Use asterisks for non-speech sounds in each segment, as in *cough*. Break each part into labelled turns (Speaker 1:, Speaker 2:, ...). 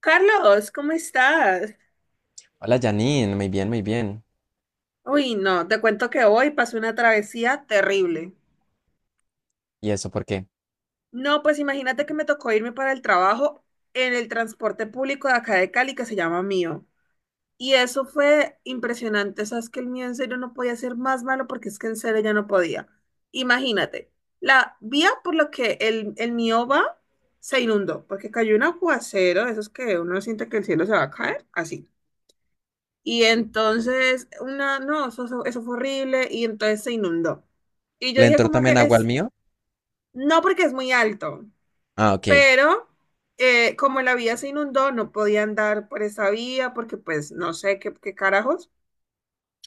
Speaker 1: Carlos, ¿cómo estás?
Speaker 2: Hola Janine, muy bien, muy bien.
Speaker 1: Uy, no, te cuento que hoy pasé una travesía terrible.
Speaker 2: ¿Y eso por qué?
Speaker 1: No, pues imagínate que me tocó irme para el trabajo en el transporte público de acá de Cali que se llama Mío. Y eso fue impresionante, sabes que el mío en serio no podía ser más malo porque es que en serio ya no podía. Imagínate, la vía por la que el mío va se inundó porque cayó un aguacero, de esos que uno siente que el cielo se va a caer, así. Y entonces, una, no, eso fue horrible y entonces se inundó. Y yo
Speaker 2: ¿Le
Speaker 1: dije
Speaker 2: entró
Speaker 1: como que
Speaker 2: también agua al
Speaker 1: es,
Speaker 2: mío?
Speaker 1: no porque es muy alto,
Speaker 2: Ah, ok.
Speaker 1: pero como la vía se inundó, no podía andar por esa vía porque pues no sé qué carajos.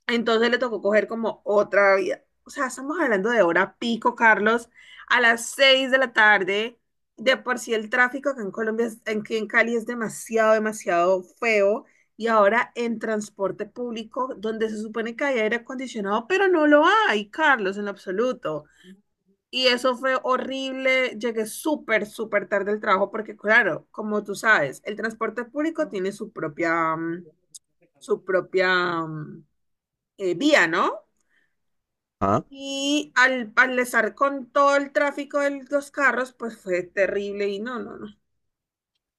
Speaker 1: Entonces le tocó coger como otra vida. O sea, estamos hablando de hora pico, Carlos, a las 6 de la tarde. De por sí el tráfico acá en Colombia, aquí en Cali es demasiado, demasiado feo. Y ahora en transporte público, donde se supone que hay aire acondicionado, pero no lo hay, Carlos, en lo absoluto. Y eso fue horrible. Llegué súper, súper tarde al trabajo porque, claro, como tú sabes, el transporte público tiene su propia, vía, ¿no?
Speaker 2: Ah,
Speaker 1: Y al estar con todo el tráfico de los carros, pues fue terrible y no, no, no.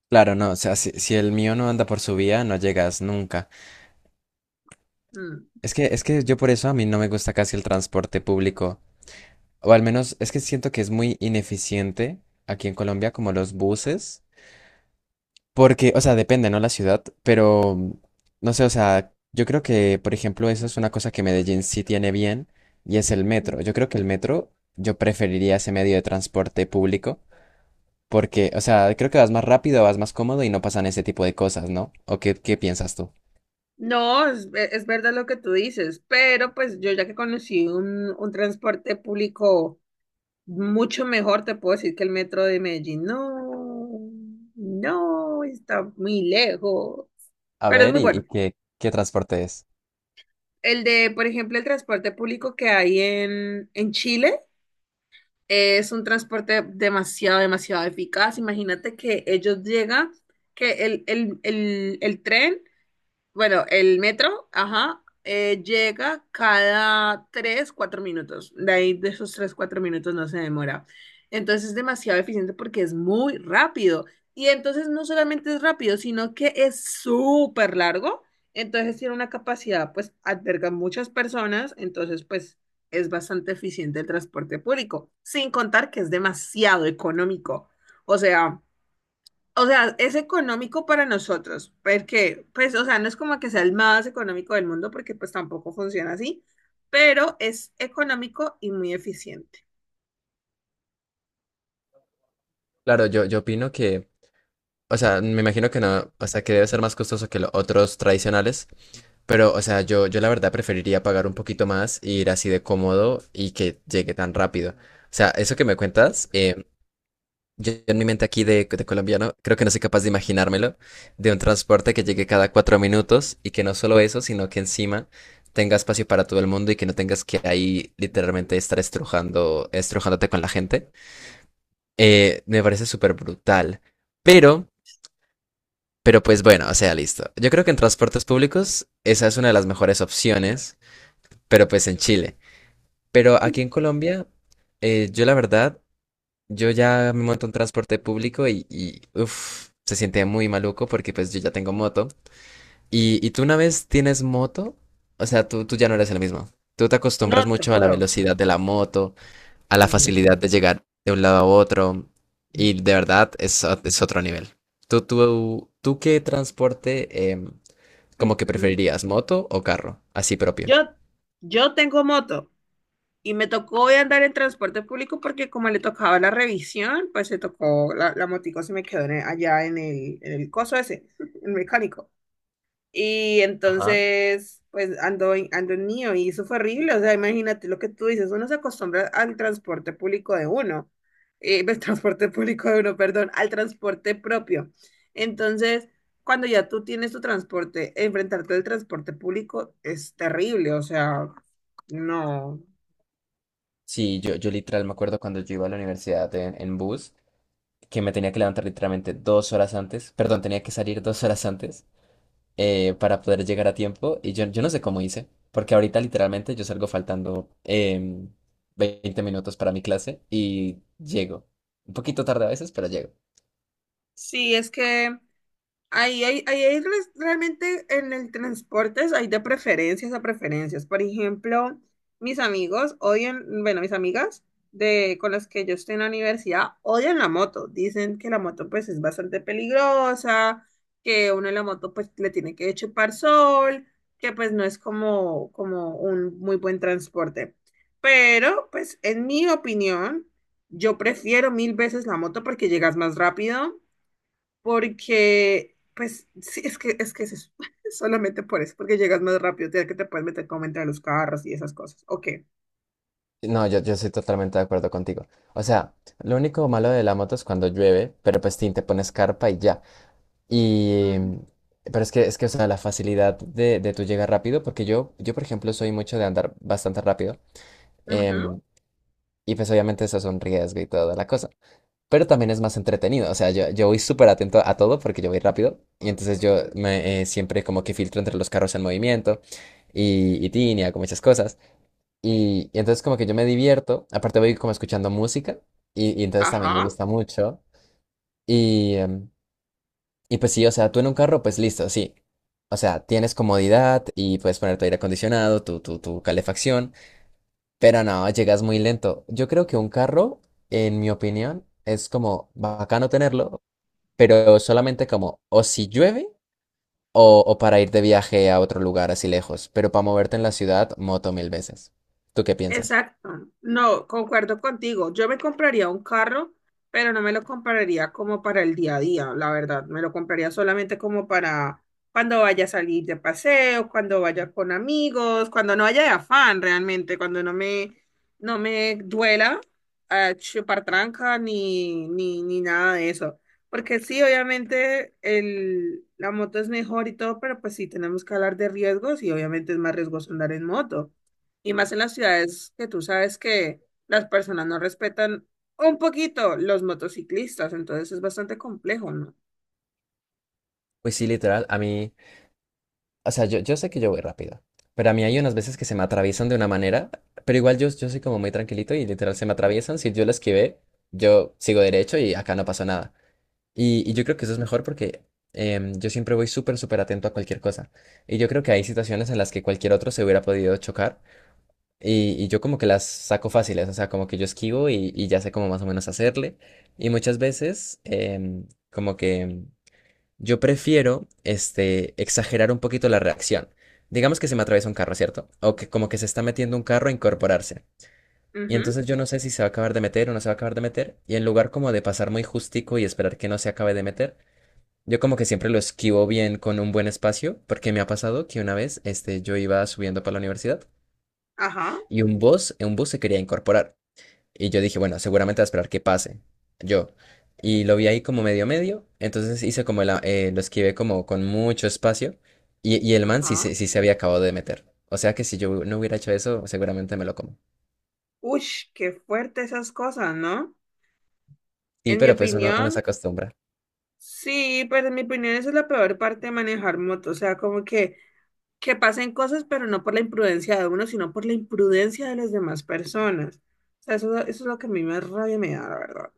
Speaker 2: claro, no, o sea, si el mío no anda por su vía, no llegas nunca.
Speaker 1: Mm.
Speaker 2: Es que yo por eso a mí no me gusta casi el transporte público. O al menos es que siento que es muy ineficiente aquí en Colombia, como los buses. Porque, o sea, depende, ¿no? La ciudad, pero no sé, o sea, yo creo que, por ejemplo, eso es una cosa que Medellín sí tiene bien y es el metro. Yo
Speaker 1: Ujú.
Speaker 2: creo que el metro, yo preferiría ese medio de transporte público. Porque, o sea, creo que vas más rápido, vas más cómodo y no pasan ese tipo de cosas, ¿no? ¿O qué piensas tú?
Speaker 1: No, es, es verdad lo que tú dices, pero pues yo ya que conocí un transporte público mucho mejor, te puedo decir que el metro de Medellín, no, no, está muy lejos,
Speaker 2: A
Speaker 1: pero es
Speaker 2: ver,
Speaker 1: muy
Speaker 2: ¿y
Speaker 1: bueno.
Speaker 2: qué transporte es?
Speaker 1: El de, por ejemplo, el transporte público que hay en Chile. Es un transporte demasiado, demasiado eficaz. Imagínate que ellos llegan, que el tren bueno, el metro, ajá, llega cada 3, 4 minutos. De ahí de esos 3, 4 minutos no se demora. Entonces es demasiado eficiente porque es muy rápido. Y entonces no solamente es rápido, sino que es súper largo. Entonces tiene una capacidad, pues alberga muchas personas. Entonces, pues es bastante eficiente el transporte público. Sin contar que es demasiado económico. O sea. O sea, es económico para nosotros, porque, pues, o sea, no es como que sea el más económico del mundo, porque pues tampoco funciona así, pero es económico y muy eficiente.
Speaker 2: Claro, yo opino que, o sea, me imagino que no, o sea, que debe ser más costoso que los otros tradicionales, pero, o sea, yo la verdad preferiría pagar un poquito más e ir así de cómodo y que llegue tan rápido. O sea, eso que me cuentas, yo en mi mente aquí de colombiano, creo que no soy capaz de imaginármelo, de un transporte que llegue cada 4 minutos y que no solo eso, sino que encima tenga espacio para todo el mundo y que no tengas que ahí literalmente estar estrujando, estrujándote con la gente. Me parece súper brutal. Pero, pero pues bueno, o sea, listo. Yo creo que en transportes públicos esa es una de las mejores opciones, pero pues en Chile. Pero aquí en Colombia, yo la verdad yo ya me monto en transporte público y uf, se siente muy maluco porque pues yo ya tengo moto. Y tú una vez tienes moto, o sea, tú ya no eres el mismo. Tú te acostumbras
Speaker 1: No, te
Speaker 2: mucho a la
Speaker 1: juro.
Speaker 2: velocidad de la moto, a la
Speaker 1: Mm.
Speaker 2: facilidad de llegar de un lado a otro y de verdad es, es otro nivel. ¿Tú qué transporte como que
Speaker 1: *clears throat*
Speaker 2: preferirías, moto o carro? Así propio.
Speaker 1: Yo, yo tengo moto. Y me tocó andar en transporte público porque como le tocaba la revisión, pues se tocó, la motico se me quedó en allá en el coso ese, *laughs* el mecánico. Y
Speaker 2: Ajá.
Speaker 1: entonces, pues ando en mío y eso fue horrible. O sea, imagínate lo que tú dices, uno se acostumbra al transporte público de uno, *laughs* el transporte público de uno, perdón, al transporte propio. Entonces, cuando ya tú tienes tu transporte, enfrentarte al transporte público es terrible, o sea, no.
Speaker 2: Sí, yo literal me acuerdo cuando yo iba a la universidad en bus, que me tenía que levantar literalmente 2 horas antes, perdón, tenía que salir 2 horas antes para poder llegar a tiempo. Y yo no sé cómo hice, porque ahorita literalmente yo salgo faltando 20 minutos para mi clase y llego. Un poquito tarde a veces, pero llego.
Speaker 1: Sí, es que ahí hay realmente en el transporte hay de preferencias a preferencias. Por ejemplo, mis amigos odian, bueno, mis amigas con las que yo estoy en la universidad odian la moto. Dicen que la moto pues es bastante peligrosa, que uno en la moto pues le tiene que chupar sol, que pues no es como un muy buen transporte. Pero pues en mi opinión, yo prefiero mil veces la moto porque llegas más rápido porque, pues, sí, es que es eso. *laughs* Solamente por eso, porque llegas más rápido, tienes que te puedes meter como entre los carros y esas cosas. Ok.
Speaker 2: No, yo estoy totalmente de acuerdo contigo. O sea, lo único malo de la moto es cuando llueve, pero pues tin, te pones carpa y ya. Y...
Speaker 1: Ujú,
Speaker 2: Pero es que, o sea, la facilidad de tú llegar rápido, porque yo, por ejemplo, soy mucho de andar bastante rápido.
Speaker 1: ujú,
Speaker 2: em, Y pues obviamente eso es un riesgo y toda la cosa. Pero también es más entretenido. O sea, yo voy súper atento a todo porque yo voy rápido. Y entonces siempre como que filtro entre los carros en movimiento y tinea, como muchas cosas. Y entonces como que yo me divierto. Aparte voy como escuchando música. Y entonces también me
Speaker 1: ajá.
Speaker 2: gusta mucho. Y, y pues sí, o sea, tú en un carro, pues listo, sí. O sea, tienes comodidad y puedes poner tu aire acondicionado, tu calefacción. Pero no, llegas muy lento. Yo creo que un carro, en mi opinión, es como bacano tenerlo, pero solamente como o si llueve o para ir de viaje a otro lugar así lejos. Pero para moverte en la ciudad, moto mil veces. ¿Tú qué piensas?
Speaker 1: Exacto. No, concuerdo contigo. Yo me compraría un carro, pero no me lo compraría como para el día a día, la verdad. Me lo compraría solamente como para cuando vaya a salir de paseo, cuando vaya con amigos, cuando no haya de afán realmente, cuando no me duela chupar tranca ni nada de eso. Porque sí, obviamente la moto es mejor y todo, pero pues sí tenemos que hablar de riesgos y obviamente es más riesgoso andar en moto. Y más en las ciudades que tú sabes que las personas no respetan un poquito los motociclistas, entonces es bastante complejo, ¿no?
Speaker 2: Pues sí, literal, a mí, o sea, yo sé que yo voy rápido, pero a mí hay unas veces que se me atraviesan de una manera, pero igual yo soy como muy tranquilito y literal se me atraviesan. Si yo lo esquivé, yo sigo derecho y acá no pasó nada. Y yo creo que eso es mejor porque yo siempre voy súper, súper atento a cualquier cosa. Y yo creo que hay situaciones en las que cualquier otro se hubiera podido chocar. Y yo como que las saco fáciles, o sea, como que yo esquivo y ya sé cómo más o menos hacerle. Y muchas veces como que yo prefiero este, exagerar un poquito la reacción. Digamos que se me atraviesa un carro, ¿cierto? O que como que se está metiendo un carro a incorporarse. Y
Speaker 1: Ujú,
Speaker 2: entonces yo no sé si se va a acabar de meter o no se va a acabar de meter. Y en lugar como de pasar muy justico y esperar que no se acabe de meter, yo como que siempre lo esquivo bien con un buen espacio, porque me ha pasado que una vez este, yo iba subiendo para la universidad
Speaker 1: ajá,
Speaker 2: y un bus se quería incorporar. Y yo dije, bueno, seguramente va a esperar que pase. Yo. Y lo vi ahí como medio medio, entonces hice como lo esquivé como con mucho espacio y el man sí,
Speaker 1: ajá.
Speaker 2: sí se había acabado de meter. O sea que si yo no hubiera hecho eso, seguramente me lo como.
Speaker 1: Ush, qué fuerte esas cosas, ¿no?
Speaker 2: Sí,
Speaker 1: En mi
Speaker 2: pero pues uno se
Speaker 1: opinión,
Speaker 2: acostumbra.
Speaker 1: sí, pero en mi opinión esa es la peor parte de manejar moto, o sea, como que pasen cosas, pero no por la imprudencia de uno, sino por la imprudencia de las demás personas. O sea, eso es lo que a mí más rabia me da, la verdad.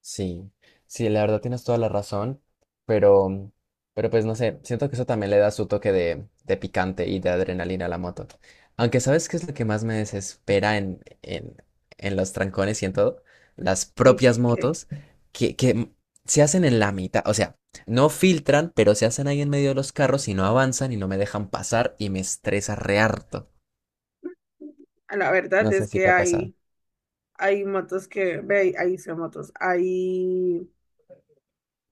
Speaker 2: Sí, sí, la verdad tienes toda la razón, pero, pero pues no sé, siento que eso también le da su toque de picante y de adrenalina a la moto. Aunque ¿sabes qué es lo que más me desespera en los trancones y en todo? Las
Speaker 1: Y que-
Speaker 2: propias
Speaker 1: que
Speaker 2: motos que se hacen en la mitad, o sea, no filtran, pero se hacen ahí en medio de los carros y no avanzan y no me dejan pasar y me estresa re harto.
Speaker 1: a la verdad
Speaker 2: No sé
Speaker 1: es
Speaker 2: si
Speaker 1: que
Speaker 2: te ha pasado.
Speaker 1: hay. Hay motos que, ve, ahí son motos. Hay,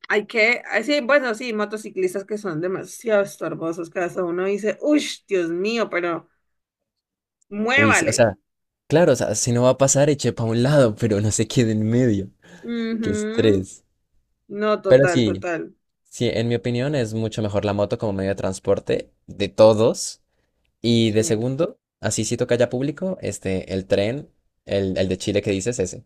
Speaker 1: hay ah, sí, bueno, sí, motociclistas que son demasiado estorbosos. Cada uno dice, uff, Dios mío, pero
Speaker 2: Uy, sí, o
Speaker 1: muévale.
Speaker 2: sea, claro, o sea, si no va a pasar, eche para un lado, pero no se quede en medio. Qué
Speaker 1: Ujú.
Speaker 2: estrés.
Speaker 1: No,
Speaker 2: Pero
Speaker 1: total,
Speaker 2: sí,
Speaker 1: total.
Speaker 2: sí, en mi opinión es mucho mejor la moto como medio de transporte de todos. Y de
Speaker 1: Sí.
Speaker 2: segundo, así si toca ya público, este, el tren, el de Chile que dices, ese.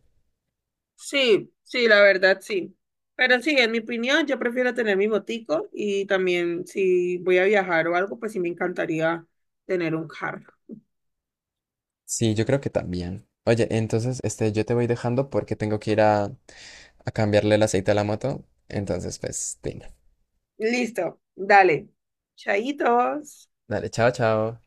Speaker 1: Sí, sí, la verdad, sí. Pero sí, en mi opinión, yo prefiero tener mi motico y también si voy a viajar o algo, pues sí me encantaría tener un carro.
Speaker 2: Sí, yo creo que también. Oye, entonces, este, yo te voy dejando porque tengo que ir a cambiarle el aceite a la moto. Entonces, pues, venga.
Speaker 1: Listo, dale. Chaitos.
Speaker 2: Dale, chao, chao.